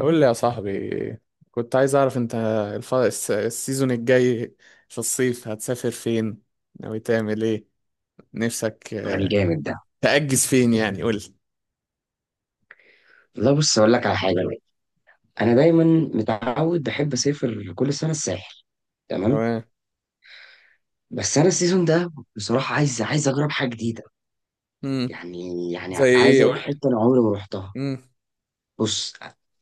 قول لي يا صاحبي. كنت عايز اعرف انت السيزون الجاي في الصيف هتسافر فين، ناوي تعمل ايه، نفسك الجامد ده. تأجز فين يعني، قول لي. والله بص اقول لك على حاجه بقى. انا دايما متعود بحب اسافر كل سنه الساحل. تمام. تمام. بس انا السيزون ده بصراحه عايز اجرب حاجه جديده. امم يعني زي يعني عايز ايه؟ قول اروح لي. حته انا عمري ما رحتها. امم بص،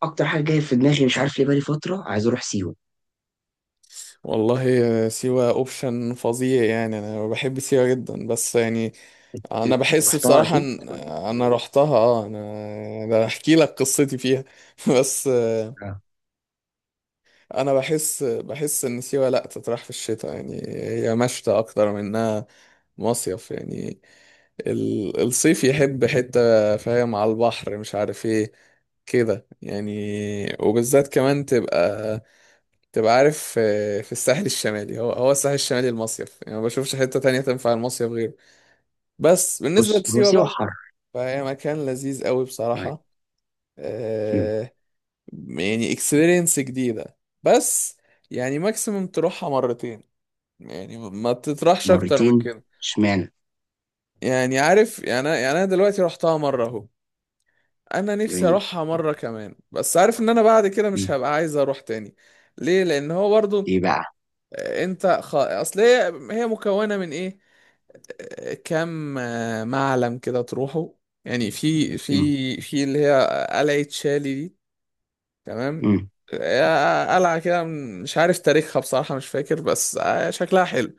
اكتر حاجه جايه في دماغي مش عارف ليه بقالي فتره عايز اروح سيوه. والله، سيوة اوبشن فظيع يعني. انا بحب سيوة جدا، بس يعني انا بحس رحتها بصراحة اكيد. ان انا رحتها. اه انا ده احكي لك قصتي فيها بس آه. انا بحس ان سيوة لا تطرح في الشتاء، يعني هي مشتى اكتر من انها مصيف يعني. الصيف يحب حتة، فاهم، على البحر، مش عارف ايه كده يعني. وبالذات كمان تبقى عارف، في الساحل الشمالي، هو الساحل الشمالي المصيف يعني، ما بشوفش حتة تانية تنفع المصيف غيره. بس بالنسبة بص هو لسيوة سيوه بقى، حر. فهي مكان لذيذ قوي تمام. بصراحة. مم. آه، يعني اكسبيرينس جديدة، بس يعني ماكسيموم تروحها مرتين، يعني ما تطرحش اكتر من مرتين، كده. اشمعنى؟ يعني عارف، يعني انا، يعني انا دلوقتي رحتها مرة اهو، انا نفسي جميل. اروحها مرة كمان، بس عارف ان انا بعد كده مش مم. هبقى عايز اروح تاني. ليه؟ لان هو برضو، ايه بقى؟ انت اصل هي مكونة من ايه؟ كم معلم كده تروحه، يعني في، مم. في اللي هي قلعة شالي دي. تمام. مم. قلعة كده، مش عارف تاريخها بصراحة، مش فاكر، بس شكلها حلو.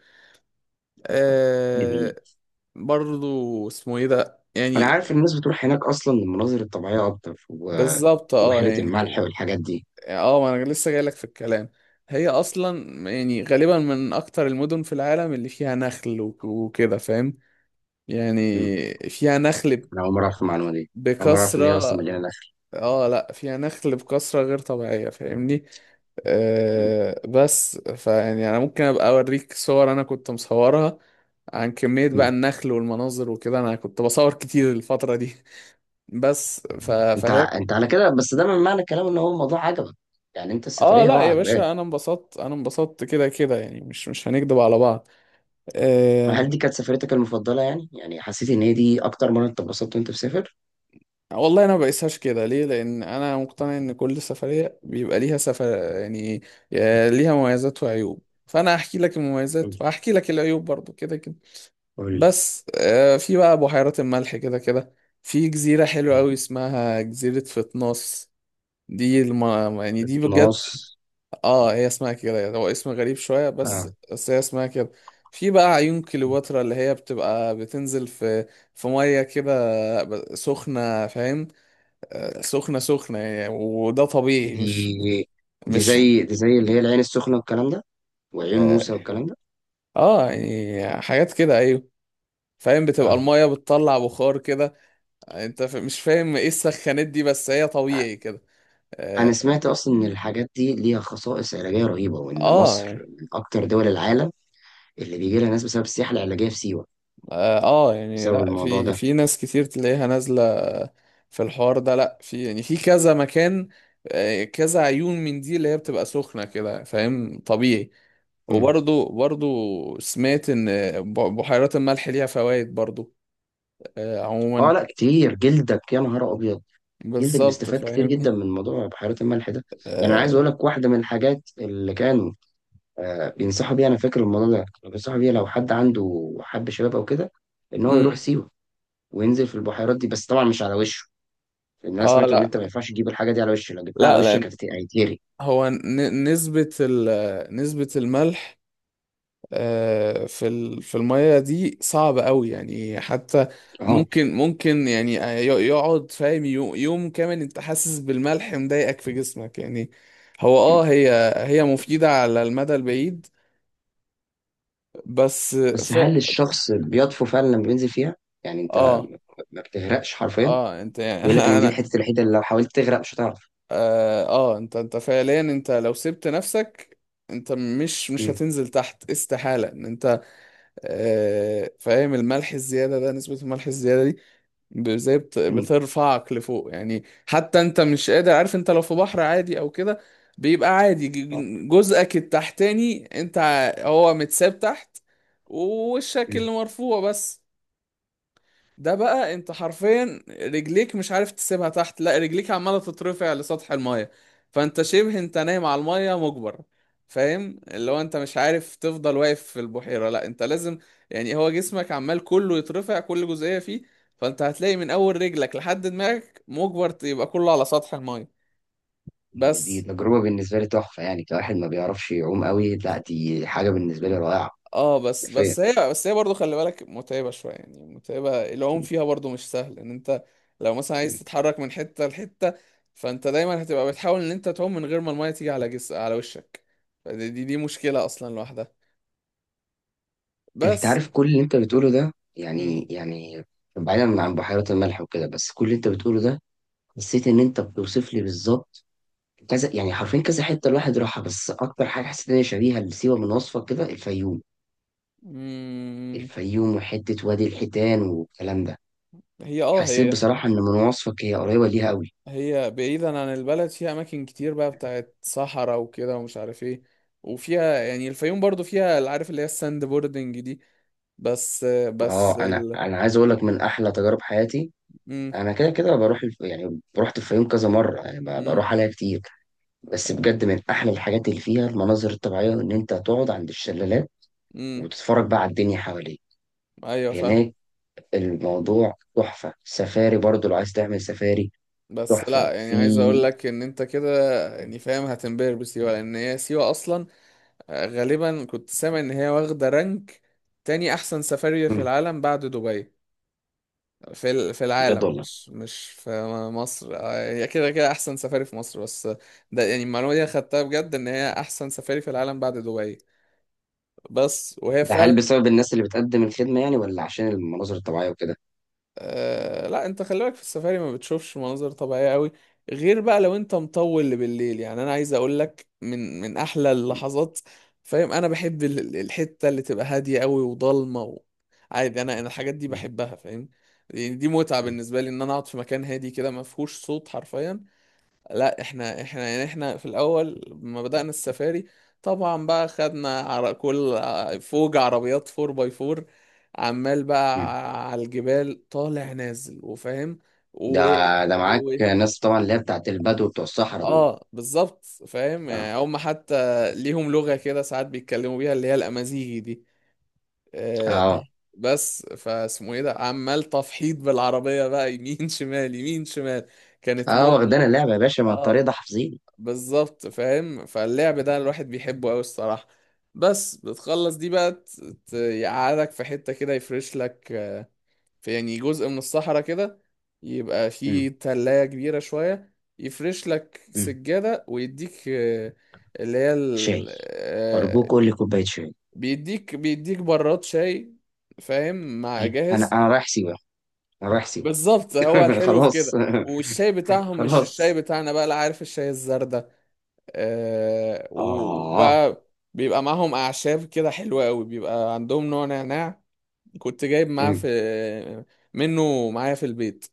آه، جميل. برضو اسمه ايه ده انا يعني. عارف الناس بتروح هناك اصلا للمناظر الطبيعيه اكتر بالظبط اه وبحيره الملح يعني. والحاجات دي. اه ما انا لسه جايلك في الكلام. هي اصلا يعني غالبا من اكتر المدن في العالم اللي فيها نخل، وكده فاهم مم. يعني، فيها نخل انا اول مره اعرف المعلومه دي. اول مره اعرف ان هي اصلا بكثرة. مليانه نخل. اه لا فيها نخل بكثرة غير طبيعية، فاهمني. مم. بس فيعني انا ممكن ابقى اوريك صور انا كنت مصورها عن كمية بقى مم. النخل والمناظر وكده، انا كنت بصور كتير الفترة دي فهي، انت على كده، بس ده من معنى الكلام ان هو الموضوع عجبك. يعني انت اه السفريه هو لا يا عجباك؟ باشا انا انبسطت، انا انبسطت كده كده، يعني مش، مش هنكدب على بعض. هل دي آه... كانت سفريتك المفضله، يعني حسيت ان هي دي اكتر مره انت اتبسطت وانت مسافر؟ والله انا ما بقيسهاش كده. ليه؟ لان انا مقتنع ان كل سفرية بيبقى ليها سفر يعني، ليها مميزات وعيوب، فانا هحكي لك المميزات مم. وهحكي لك العيوب برضو كده كده. قول لي. بس في بقى بحيرات الملح كده كده، في جزيرة حلوة مم. قوي اسمها جزيرة فتناس. دي الم... يعني دي بجد، نص. اه هي اسمها كده يعني، هو اسم غريب شوية، بس آه. بس هي اسمها كده. في بقى عيون كليوباترا، اللي هي بتبقى بتنزل في، في مية كده، سخنة، فاهم؟ سخنة يعني، وده طبيعي، مش دي دي مش زي دي زي اللي هي العين السخنه والكلام ده، وعيون اه موسى والكلام ده. يعني حاجات كده، ايوه فاهم، بتبقى اه، المية بتطلع بخار كده. انت مش فاهم ايه السخانات دي، بس هي طبيعي كده. انا اه سمعت اصلا ان الحاجات دي ليها خصائص علاجيه رهيبه، وان مصر يعني من اكتر دول العالم اللي بيجي لها ناس بسبب السياحه العلاجيه في سيوه. اه يعني بسبب لا الموضوع في، ده. في ناس كتير تلاقيها نازلة في الحوار ده، لا في يعني في كذا مكان، كذا عيون من دي اللي هي بتبقى سخنة كده، فاهم، طبيعي. امم وبرضو سمعت ان بحيرات الملح ليها فوائد برضو. اه عموما لا، كتير. جلدك يا نهار ابيض. جلدك بالظبط بيستفاد كتير فاهمني. جدا من موضوع بحيرات الملح ده. يعني انا عايز اه. اقول لك واحده من الحاجات اللي كانوا بينصحوا بيها. انا فاكر الموضوع ده، كانوا بينصحوا بيها لو حد عنده حب شباب او كده، ان هو يروح مم. سيوه وينزل في البحيرات دي، بس طبعا مش على وشه. لان انا سمعت ان لا، انت ما ينفعش تجيب الحاجه دي على وشه، لو جبتها على لا وشك لان هيتهري. هو نسبة نسبة الملح في في المية دي صعب قوي يعني حتى. اه ممكن يعني يقعد فاهم يوم كامل انت حاسس بالملح مضايقك في جسمك يعني. هو اه هي مفيدة على المدى البعيد، بس بس، ف... هل الشخص بيطفو فعلا لما بينزل فيها؟ يعني انت اه ما بتغرقش حرفيا. اه انت يعني بيقول لك ان دي انا الحته الوحيده اللي لو حاولت تغرق مش هتعرف. اه، انت، انت فعليا انت لو سبت نفسك انت مش مم. هتنزل تحت، استحالة ان انت، فاهم، الملح الزيادة ده، نسبة الملح الزيادة دي زي مم. بترفعك لفوق يعني، حتى انت مش قادر، عارف، انت لو في بحر عادي او كده بيبقى عادي آه. جزءك التحتاني انت هو متساب تحت ووشك مم. اللي مرفوع بس. ده بقى انت حرفيا رجليك مش عارف تسيبها تحت، لا رجليك عماله تترفع لسطح المايه. فانت شبه انت نايم على المايه مجبر، فاهم، اللي هو انت مش عارف تفضل واقف في البحيره، لا انت لازم يعني، هو جسمك عمال كله يترفع كل جزئيه فيه. فانت هتلاقي من اول رجلك لحد دماغك مجبر يبقى كله على سطح المايه. دي بس تجربه بالنسبه لي تحفه. يعني كواحد ما بيعرفش يعوم قوي، لا دي حاجه بالنسبه لي رائعه. اه، بس حرفيا. بس هي بس هي برضه خلي بالك متعبة شوية، يعني متعبة، العوم مم. فيها برضه مش سهل ان انت لو مثلا عايز مم. تتحرك من حتة لحتة. فانت دايما هتبقى بتحاول ان انت تعوم من غير ما المية تيجي على على وشك. فدي دي, دي مشكلة اصلا لوحدها. انت بس. عارف كل اللي انت بتقوله ده، مم. يعني بعيدا عن بحيرات الملح وكده، بس كل اللي انت بتقوله ده حسيت ان انت بتوصف لي بالظبط كذا، يعني حرفيا كذا حته الواحد راحها. بس اكتر حاجه حسيت ان هي شبيهه لسيوه من وصفك كده، الفيوم مم. الفيوم وحتة وادي الحيتان والكلام ده، هي اه حسيت هي، بصراحة إن من وصفك هي قريبة ليها أوي. هي بعيدا عن البلد فيها اماكن كتير بقى بتاعت صحراء وكده ومش عارف ايه. وفيها يعني الفيوم برضه فيها اللي عارف اللي هي الساند بوردنج دي. بس بس اه أنا ال... أنا عايز أقول لك من أحلى تجارب حياتي. مم. أنا كده كده بروح يعني رحت الفيوم كذا مرة، يعني مم. بروح عليها كتير. بس بجد من أحلى الحاجات اللي فيها المناظر الطبيعية إن أنت تقعد عند الشلالات امم وتتفرج بقى على الدنيا حواليك ايوه فاهم. هناك. الموضوع تحفة. سفاري برضو لو عايز تعمل سفاري، بس تحفة لا يعني في... عايز اقول لك ان انت كده يعني فاهم هتنبهر بسيوه، لان هي سيوه اصلا غالبا كنت سامع ان هي واخده رانك تاني احسن سفاري في مم، العالم بعد دبي، في في العالم، بجد والله. مش مش في مصر. هي كده كده احسن سفاري في مصر، بس ده يعني المعلومه دي أنا خدتها بجد ان هي احسن سفاري في العالم بعد دبي. بس وهي ده هل فعلا، بسبب الناس اللي بتقدم الخدمة يعني، ولا عشان المناظر الطبيعية وكده؟ لا انت خلي بالك في السفاري ما بتشوفش مناظر طبيعية قوي، غير بقى لو انت مطول بالليل. يعني انا عايز اقول لك من، من احلى اللحظات، فاهم، انا بحب الحتة اللي تبقى هادية قوي وضلمة و... عادي، انا انا الحاجات دي مم. بحبها فاهم، يعني دي متعة مم. بالنسبة لي ان انا اقعد في مكان هادي كده ما فيهوش صوت حرفيا. لا احنا يعني، احنا في الاول لما بدأنا السفاري، طبعا بقى خدنا على كل فوج عربيات 4 باي 4، عمال بقى مم. على الجبال طالع نازل وفاهم ده و... ده معاك و... ناس طبعا، اللي هي بتاعت البدو بتوع الصحراء دول. اه بالظبط فاهم، اه. يعني هم حتى ليهم لغة كده ساعات بيتكلموا بيها اللي هي الأمازيغي دي. آه اه، بس فاسمه ايه ده، عمال تفحيط بالعربية بقى يمين شمال يمين شمال. كانت م... م... اه واخدانا اللعبة يا باشا، ما الطريق آه. ده حافظين. بالظبط فاهم، فاللعب ده الواحد بيحبه قوي الصراحة. بس بتخلص دي بقى يقعدك في حتة كده، يفرش لك في يعني جزء من الصحراء كده، يبقى مم. فيه تلاية كبيرة شوية. يفرش لك مم. سجادة ويديك اللي هي شاي. أرجوك قول لي كوباية شاي. بيديك براد شاي فاهم، مع أي. أنا جاهز. أنا رايح سيوة. أنا رايح سيوة. بالظبط، هو الحلو في خلاص. كده. والشاي بتاعهم مش الشاي خلاص. بتاعنا بقى، لا، عارف الشاي الزردة، آه. وبقى بيبقى معاهم أعشاب كده حلوة أوي، بيبقى عندهم نوع نعناع كنت جايب معاه، في مم. منه معايا في البيت.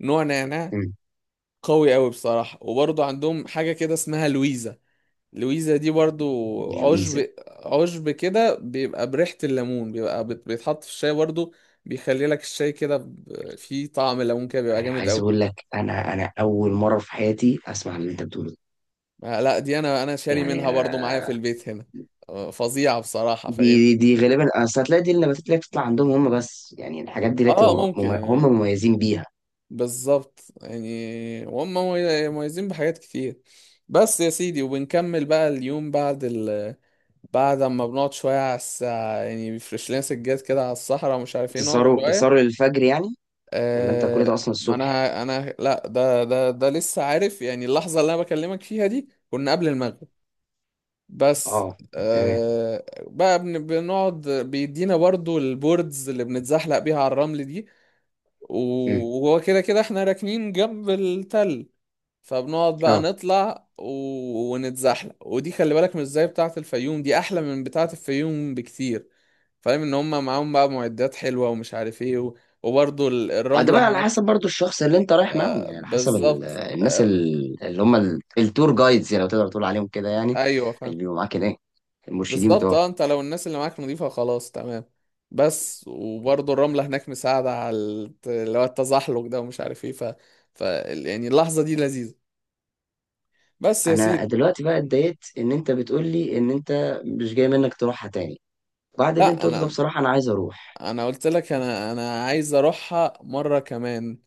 نوع نعناع مم. قوي أوي بصراحة. وبرضه عندهم حاجة كده اسمها لويزا. لويزا دي برضو الويزا. عشب، كده بيبقى بريحة الليمون، بيبقى بيتحط في الشاي برضو، بيخلي لك الشاي كده فيه طعم ليمون كده، بيبقى أنا جامد عايز أوي. أقول لك، أنا أول مرة في حياتي أسمع اللي أنت بتقوله ده. لا دي أنا، أنا شاري يعني منها برضو معايا آه، في البيت هنا. فظيعة بصراحة دي دي, فاهمني. دي غالبا أصل هتلاقي دي النباتات اللي هي بتطلع عندهم هم بس، يعني الحاجات دي اللي اه بتبقى ممكن هم يعني. مميزين بيها. بالظبط يعني، وهم مميزين بحاجات كتير. بس يا سيدي، وبنكمل بقى اليوم بعد ال، بعد اما بنقعد شوية على الساعة يعني، بيفرش لنا سجاد كده على الصحراء ومش عارف ايه، نقعد بتسهروا شوية. للفجر يعني؟ ولا انت كل آه ده اصلا ما الصبح؟ انا، انا لا ده لسه عارف يعني، اللحظة اللي انا بكلمك فيها دي كنا قبل المغرب. بس اه. تمام. بقى بنقعد بيدينا برضو البوردز اللي بنتزحلق بيها على الرمل دي، امم وهو كده كده احنا راكنين جنب التل. فبنقعد بقى اه. نطلع و... ونتزحلق. ودي خلي بالك مش زي بتاعة الفيوم، دي احلى من بتاعة الفيوم بكتير، فاهم، ان هم معاهم بقى معدات حلوة ومش عارف ايه و... وبرضو آه، ده الرملة بقى على هناك. حسب برضو الشخص اللي انت رايح معاهم، يعني على حسب بالظبط الناس اللي هم التور جايدز، يعني لو تقدر تقول عليهم كده يعني. ايوه اللي فاهم. بيبقوا معاك هناك، المرشدين بالظبط بتوعك. اه، انت لو الناس اللي معاك نضيفة خلاص تمام. بس وبرضو الرملة هناك مساعدة على اللي هو التزحلق ده ومش عارف ايه، ف... ف يعني اللحظة دي لذيذة. بس يا انا سيدي. دلوقتي بقى اتضايقت ان انت بتقول لي ان انت مش جاي منك تروحها تاني. بعد اللي انت لا قلته ده انا، بصراحة انا عايز اروح. قلت لك انا، عايز اروحها مره كمان،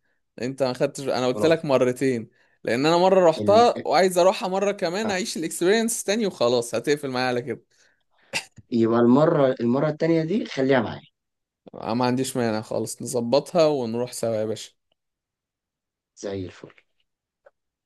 انت ما خدتش، انا قلت لك خلاص. مرتين، لان انا مره ال... رحتها وعايز اروحها مره كمان آه. اعيش الاكسبيرينس تاني وخلاص، هتقفل معايا على كده. يبقى المرة التانية دي خليها معايا. ما عنديش مانع خالص، نظبطها ونروح سوا يا باشا. زي الفل.